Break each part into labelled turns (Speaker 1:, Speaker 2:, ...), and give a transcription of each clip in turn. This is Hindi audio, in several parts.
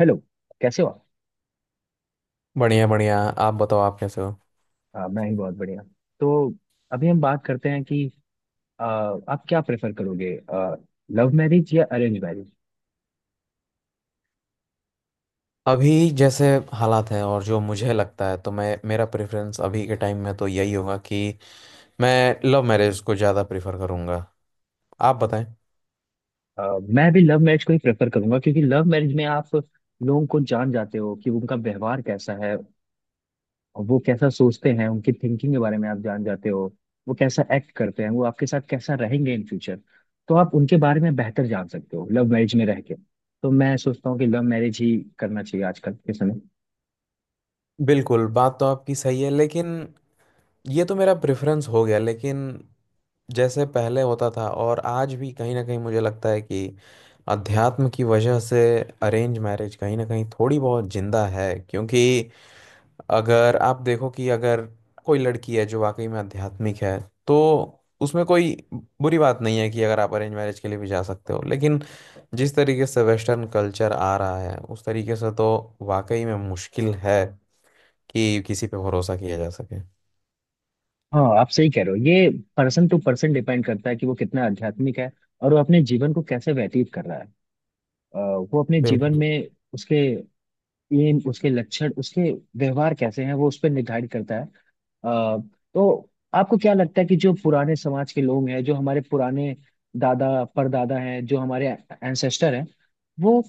Speaker 1: हेलो। कैसे हो आप।
Speaker 2: बढ़िया बढ़िया। आप बताओ, आप कैसे हो?
Speaker 1: हाँ, मैं ही बहुत बढ़िया। तो अभी हम बात करते हैं कि आप क्या प्रेफर करोगे, लव मैरिज या अरेंज मैरिज।
Speaker 2: अभी जैसे हालात हैं और जो मुझे लगता है तो मैं मेरा प्रेफरेंस अभी के टाइम में तो यही होगा कि मैं लव मैरिज को ज़्यादा प्रेफर करूँगा। आप बताएं।
Speaker 1: मैं भी लव मैरिज को ही प्रेफर करूंगा, क्योंकि लव मैरिज में आप लोगों को जान जाते हो कि उनका व्यवहार कैसा है, वो कैसा सोचते हैं, उनकी थिंकिंग के बारे में आप जान जाते हो। वो कैसा एक्ट करते हैं, वो आपके साथ कैसा रहेंगे इन फ्यूचर। तो आप उनके बारे में बेहतर जान सकते हो लव मैरिज में रह के। तो मैं सोचता हूँ कि लव मैरिज ही करना चाहिए आजकल के समय।
Speaker 2: बिल्कुल, बात तो आपकी सही है, लेकिन ये तो मेरा प्रेफरेंस हो गया। लेकिन जैसे पहले होता था, और आज भी कहीं ना कहीं मुझे लगता है कि अध्यात्म की वजह से अरेंज मैरिज कहीं ना कहीं थोड़ी बहुत जिंदा है। क्योंकि अगर आप देखो कि अगर कोई लड़की है जो वाकई में आध्यात्मिक है, तो उसमें कोई बुरी बात नहीं है कि अगर आप अरेंज मैरिज के लिए भी जा सकते हो। लेकिन जिस तरीके से वेस्टर्न कल्चर आ रहा है, उस तरीके से तो वाकई में मुश्किल है कि किसी पे भरोसा किया जा सके।
Speaker 1: हाँ, आप सही कह रहे हो। ये पर्सन टू पर्सन डिपेंड करता है कि वो कितना आध्यात्मिक है और वो अपने जीवन को कैसे व्यतीत कर रहा है। वो अपने जीवन
Speaker 2: बिल्कुल।
Speaker 1: में उसके एम उसके लक्षण, उसके व्यवहार कैसे हैं, वो उस पर निर्धारित करता है। अ, तो आपको क्या लगता है कि जो पुराने समाज के लोग हैं, जो हमारे पुराने दादा परदादा हैं, जो हमारे एंसेस्टर हैं, वो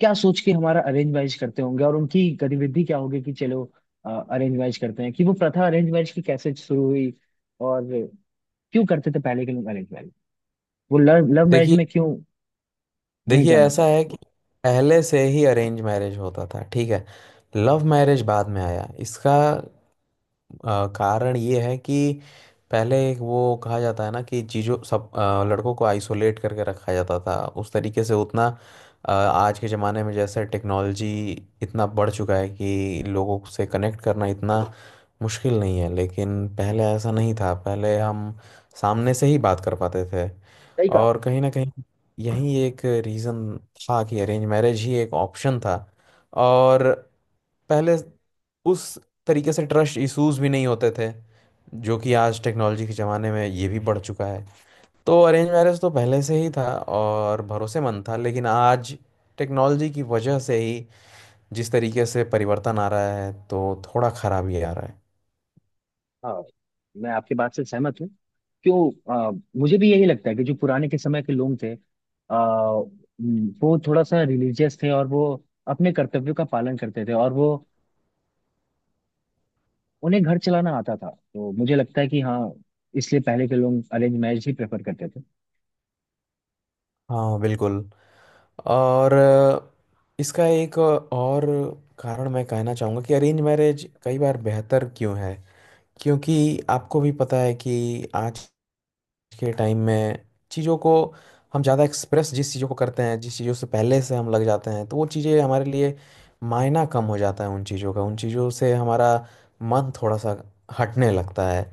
Speaker 1: क्या सोच के हमारा अरेंज मैरिज करते होंगे, और उनकी गतिविधि क्या होगी कि चलो अरेंज मैरिज करते हैं। कि वो प्रथा अरेंज मैरिज की कैसे शुरू हुई, और क्यों करते थे पहले के मैरिज मैरिज। वो लव लव मैरिज
Speaker 2: देखिए
Speaker 1: में क्यों नहीं
Speaker 2: देखिए,
Speaker 1: जाना
Speaker 2: ऐसा
Speaker 1: चाहते।
Speaker 2: है कि पहले से ही अरेंज मैरिज होता था, ठीक है। लव मैरिज बाद में आया। इसका कारण ये है कि पहले एक वो कहा जाता है ना कि चीज़ों सब लड़कों को आइसोलेट करके रखा जाता था। उस तरीके से उतना आज के ज़माने में जैसे टेक्नोलॉजी इतना बढ़ चुका है कि लोगों से कनेक्ट करना इतना मुश्किल नहीं है, लेकिन पहले ऐसा नहीं था। पहले हम सामने से ही बात कर पाते थे।
Speaker 1: सही कहा आप।
Speaker 2: और कहीं ना कहीं यही एक रीज़न था कि अरेंज मैरिज ही एक ऑप्शन था। और पहले उस तरीके से ट्रस्ट इश्यूज भी नहीं होते थे, जो कि आज टेक्नोलॉजी के ज़माने में ये भी बढ़ चुका है। तो अरेंज मैरिज तो पहले से ही था और भरोसेमंद था, लेकिन आज टेक्नोलॉजी की वजह से ही जिस तरीके से परिवर्तन आ रहा है, तो थोड़ा खराबी आ रहा है।
Speaker 1: हाँ, मैं आपके बात से सहमत हूँ। क्यों मुझे भी यही लगता है कि जो पुराने के समय के लोग थे, आ, वो थोड़ा सा रिलीजियस थे और वो अपने कर्तव्यों का पालन करते थे, और वो उन्हें घर चलाना आता था। तो मुझे लगता है कि हाँ, इसलिए पहले के लोग अरेंज मैरिज ही प्रेफर करते थे।
Speaker 2: हाँ बिल्कुल। और इसका एक और कारण मैं कहना चाहूँगा कि अरेंज मैरिज कई बार बेहतर क्यों है। क्योंकि आपको भी पता है कि आज के टाइम में चीज़ों को हम ज़्यादा एक्सप्रेस जिस चीज़ों को करते हैं, जिस चीज़ों से पहले से हम लग जाते हैं, तो वो चीज़ें हमारे लिए मायना कम हो जाता है उन चीज़ों का, उन चीज़ों से हमारा मन थोड़ा सा हटने लगता है।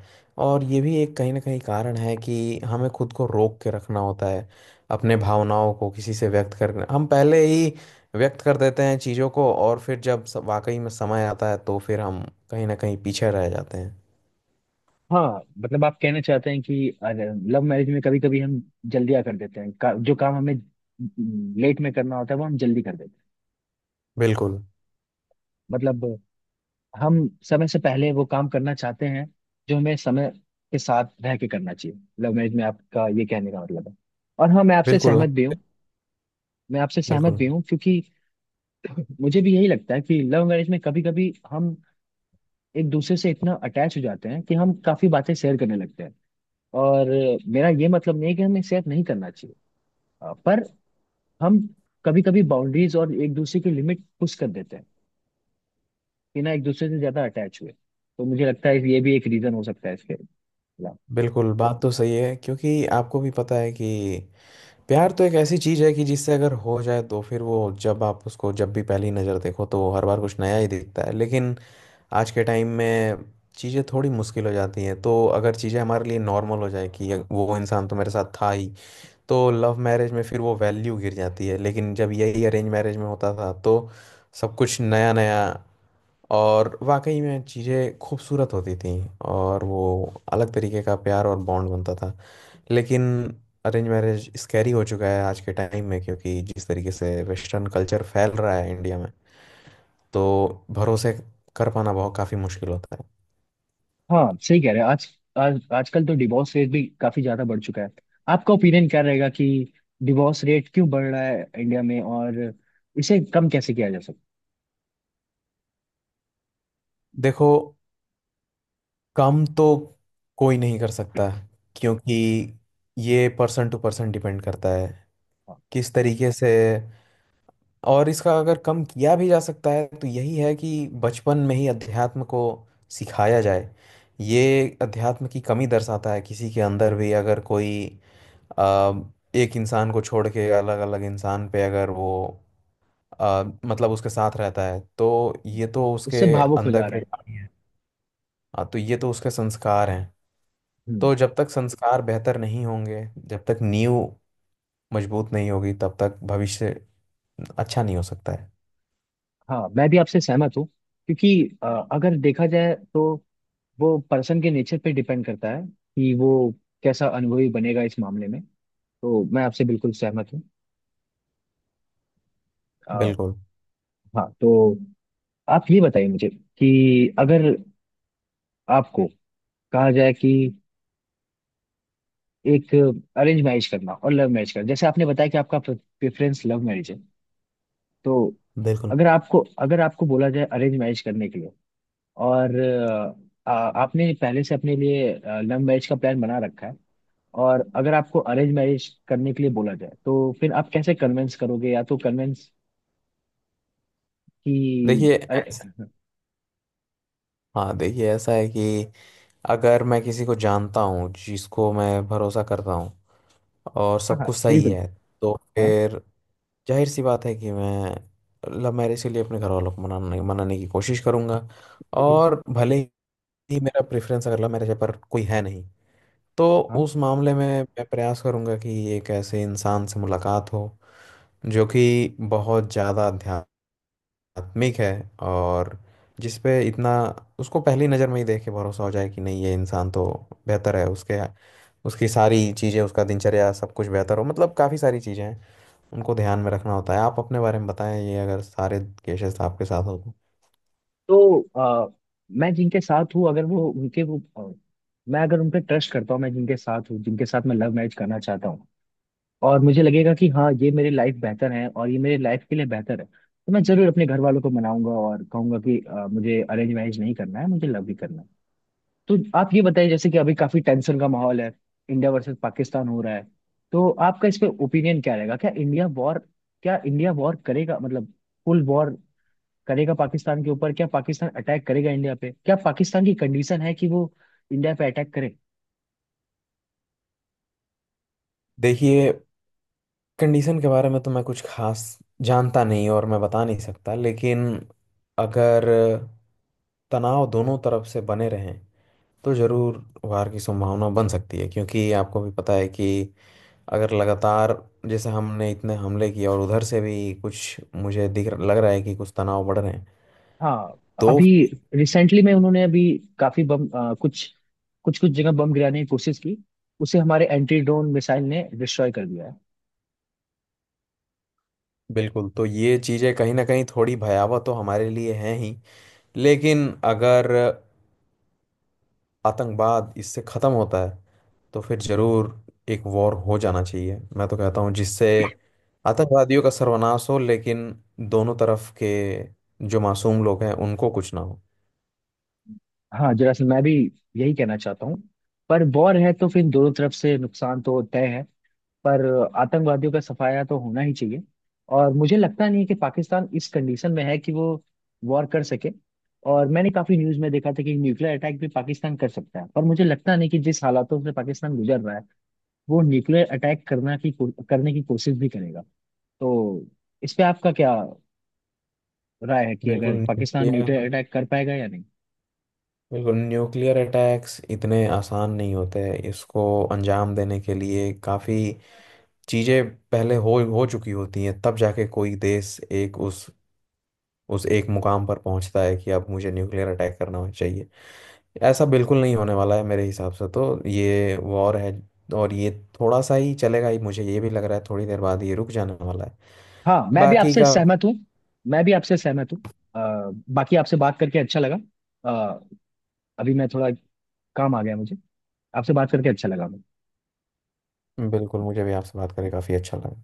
Speaker 2: और ये भी एक कहीं ना कहीं कारण है कि हमें खुद को रोक के रखना होता है। अपने भावनाओं को किसी से व्यक्त करना, हम पहले ही व्यक्त कर देते हैं चीज़ों को, और फिर जब वाकई में समय आता है तो फिर हम कहीं ना कहीं पीछे रह जाते हैं।
Speaker 1: हाँ, मतलब आप कहना चाहते हैं कि लव मैरिज में कभी कभी हम जल्दियाँ कर देते हैं। जो काम हमें लेट में करना होता है, वो हम जल्दी कर देते हैं।
Speaker 2: बिल्कुल।
Speaker 1: मतलब हम समय से पहले वो काम करना चाहते हैं जो हमें समय के साथ रह के करना चाहिए लव मैरिज में, आपका ये कहने का मतलब है। और हाँ, मैं आपसे
Speaker 2: बिल्कुल।
Speaker 1: सहमत भी हूँ। मैं आपसे सहमत
Speaker 2: बिल्कुल।
Speaker 1: भी हूँ, क्योंकि मुझे भी यही लगता है कि लव मैरिज में कभी कभी हम एक दूसरे से इतना अटैच हो जाते हैं कि हम काफी बातें शेयर करने लगते हैं। और मेरा ये मतलब नहीं है कि हमें शेयर नहीं करना चाहिए, पर हम कभी कभी बाउंड्रीज और एक दूसरे की लिमिट पुश कर देते हैं बिना एक दूसरे से ज्यादा अटैच हुए। तो मुझे लगता है ये भी एक रीजन हो सकता है इसके।
Speaker 2: बिल्कुल, बात तो सही है, क्योंकि आपको भी पता है कि प्यार तो एक ऐसी चीज है कि जिससे अगर हो जाए तो फिर वो जब आप उसको जब भी पहली नज़र देखो तो वो हर बार कुछ नया ही दिखता है। लेकिन आज के टाइम में चीज़ें थोड़ी मुश्किल हो जाती हैं, तो अगर चीज़ें हमारे लिए नॉर्मल हो जाए कि वो इंसान तो मेरे साथ था ही, तो लव मैरिज में फिर वो वैल्यू गिर जाती है। लेकिन जब यही अरेंज मैरिज में होता था तो सब कुछ नया नया, और वाकई में चीज़ें खूबसूरत होती थी। और वो अलग तरीके का प्यार और बॉन्ड बनता था। लेकिन अरेंज मैरिज स्कैरी हो चुका है आज के टाइम में, क्योंकि जिस तरीके से वेस्टर्न कल्चर फैल रहा है इंडिया में, तो भरोसे कर पाना बहुत काफ़ी मुश्किल होता है।
Speaker 1: हाँ, सही कह रहे हैं। आज आज आजकल तो डिवोर्स रेट भी काफी ज्यादा बढ़ चुका है। आपका ओपिनियन क्या रहेगा कि डिवोर्स रेट क्यों बढ़ रहा है इंडिया में, और इसे कम कैसे किया जा सकता
Speaker 2: देखो, कम तो कोई नहीं कर सकता, क्योंकि ये पर्सन टू पर्सन डिपेंड करता है
Speaker 1: है। हाँ।
Speaker 2: किस तरीके से। और इसका अगर कम किया भी जा सकता है, तो यही है कि बचपन में ही अध्यात्म को सिखाया जाए। ये अध्यात्म की कमी दर्शाता है किसी के अंदर भी। अगर कोई अ, एक इंसान को छोड़ के अलग अलग इंसान पे अगर वो मतलब उसके साथ रहता है तो
Speaker 1: हम्म,
Speaker 2: ये तो उसके
Speaker 1: उससे भावुक हो
Speaker 2: अंदर
Speaker 1: जा रहा
Speaker 2: के
Speaker 1: है।
Speaker 2: प्राणी है। हाँ, तो ये तो उसके संस्कार हैं।
Speaker 1: हम्म।
Speaker 2: तो जब तक संस्कार बेहतर नहीं होंगे, जब तक नींव मजबूत नहीं होगी, तब तक भविष्य अच्छा नहीं हो सकता है।
Speaker 1: हाँ, मैं भी आपसे सहमत हूँ, क्योंकि अगर देखा जाए तो वो पर्सन के नेचर पे डिपेंड करता है कि वो कैसा अनुभवी बनेगा इस मामले में। तो मैं आपसे बिल्कुल सहमत हूँ। अ,
Speaker 2: बिल्कुल।
Speaker 1: हाँ, तो आप ये बताइए मुझे कि अगर आपको कहा जाए कि एक अरेंज मैरिज करना और लव मैरिज करना, जैसे आपने बताया कि आपका प्रेफरेंस लव मैरिज है, तो
Speaker 2: बिल्कुल।
Speaker 1: अगर आपको अगर आपको बोला जाए अरेंज मैरिज करने के लिए, और आपने पहले से अपने लिए लव मैरिज का प्लान बना रखा है, और अगर आपको अरेंज मैरिज करने के लिए बोला जाए, तो फिर आप कैसे कन्विंस करोगे या तो कन्विंस कि
Speaker 2: देखिए
Speaker 1: अरे।
Speaker 2: ऐस- हाँ, देखिए ऐसा है कि अगर मैं किसी को जानता हूँ जिसको मैं भरोसा करता हूँ और
Speaker 1: हाँ
Speaker 2: सब
Speaker 1: हाँ,
Speaker 2: कुछ सही
Speaker 1: बिल्कुल।
Speaker 2: है, तो
Speaker 1: हाँ।
Speaker 2: फिर जाहिर सी बात है कि मैं लव मैरिज के लिए अपने घर वालों को मनाने मनाने की कोशिश करूंगा। और भले ही मेरा प्रेफरेंस अगर लव मैरिज है पर कोई है नहीं, तो
Speaker 1: हाँ
Speaker 2: उस मामले में मैं प्रयास करूंगा कि एक ऐसे इंसान से मुलाकात हो जो कि बहुत ज़्यादा आत्मिक है। और जिस पे इतना उसको पहली नज़र में ही देख के भरोसा हो जाए कि नहीं, ये इंसान तो बेहतर है। उसके, उसकी सारी चीज़ें, उसका दिनचर्या सब कुछ बेहतर हो, मतलब काफ़ी सारी चीज़ें हैं उनको ध्यान में रखना होता है। आप अपने बारे में बताएं, ये अगर सारे केसेस आपके साथ हो तो।
Speaker 1: तो अ, मैं जिनके साथ हूँ अगर वो उनके वो अ, मैं अगर उन पे ट्रस्ट करता हूँ, मैं जिनके साथ हूँ, जिनके साथ मैं लव मैरिज करना चाहता हूँ, और मुझे लगेगा कि हाँ, ये मेरी लाइफ बेहतर है और ये मेरी लाइफ के लिए बेहतर है, तो मैं जरूर अपने घर वालों को मनाऊंगा और कहूंगा कि मुझे अरेंज मैरिज नहीं करना है, मुझे लव भी करना है। तो आप ये बताइए जैसे कि अभी काफी टेंशन का माहौल है, इंडिया वर्सेस पाकिस्तान हो रहा है। तो आपका इस पे ओपिनियन क्या रहेगा, क्या इंडिया वॉर करेगा, मतलब फुल वॉर करेगा पाकिस्तान के ऊपर। क्या पाकिस्तान अटैक करेगा इंडिया पे, क्या पाकिस्तान की कंडीशन है कि वो इंडिया पे अटैक करे।
Speaker 2: देखिए, कंडीशन के बारे में तो मैं कुछ खास जानता नहीं, और मैं बता नहीं सकता। लेकिन अगर तनाव दोनों तरफ से बने रहें तो ज़रूर वार की संभावना बन सकती है। क्योंकि आपको भी पता है कि अगर लगातार जैसे हमने इतने हमले किए, और उधर से भी कुछ मुझे दिख लग रहा है कि कुछ तनाव बढ़ रहे हैं,
Speaker 1: हाँ।
Speaker 2: तो
Speaker 1: अभी
Speaker 2: फिर
Speaker 1: रिसेंटली में उन्होंने अभी काफी बम कुछ कुछ कुछ जगह बम गिराने की कोशिश की। उसे हमारे एंटी ड्रोन मिसाइल ने डिस्ट्रॉय कर दिया है।
Speaker 2: बिल्कुल, तो ये चीज़ें कहीं ना कहीं थोड़ी भयावह तो हमारे लिए हैं ही। लेकिन अगर आतंकवाद इससे ख़त्म होता है, तो फिर ज़रूर एक वॉर हो जाना चाहिए, मैं तो कहता हूँ, जिससे आतंकवादियों का सर्वनाश हो। लेकिन दोनों तरफ के जो मासूम लोग हैं उनको कुछ ना हो।
Speaker 1: हाँ, जरा सा मैं भी यही कहना चाहता हूँ। पर वॉर है तो फिर दोनों तरफ से नुकसान तो तय है, पर आतंकवादियों का सफाया तो होना ही चाहिए। और मुझे लगता नहीं है कि पाकिस्तान इस कंडीशन में है कि वो वॉर कर सके। और मैंने काफी न्यूज में देखा था कि न्यूक्लियर अटैक भी पाकिस्तान कर सकता है, पर मुझे लगता नहीं कि जिस हालातों से पाकिस्तान गुजर रहा है वो न्यूक्लियर अटैक करने की कोशिश भी करेगा। तो इस पे आपका क्या राय है कि
Speaker 2: बिल्कुल
Speaker 1: अगर
Speaker 2: नहीं।
Speaker 1: पाकिस्तान न्यूक्लियर अटैक कर पाएगा या नहीं।
Speaker 2: बिल्कुल, न्यूक्लियर अटैक्स इतने आसान नहीं होते हैं। इसको अंजाम देने के लिए काफ़ी चीज़ें पहले हो चुकी होती हैं, तब जाके कोई देश एक उस एक मुकाम पर पहुंचता है कि अब मुझे न्यूक्लियर अटैक करना चाहिए। ऐसा बिल्कुल नहीं होने वाला है मेरे हिसाब से। तो ये वॉर है, और ये थोड़ा सा ही चलेगा ही, मुझे ये भी लग रहा है थोड़ी देर बाद ये रुक जाने वाला है।
Speaker 1: हाँ, मैं भी
Speaker 2: बाकी
Speaker 1: आपसे
Speaker 2: का
Speaker 1: सहमत हूँ। मैं भी आपसे सहमत हूँ। बाकी आपसे बात करके अच्छा लगा। अ, अभी मैं थोड़ा काम आ गया मुझे। आपसे बात करके अच्छा लगा मुझे।
Speaker 2: बिल्कुल, मुझे भी आपसे बात करके काफ़ी अच्छा लगा।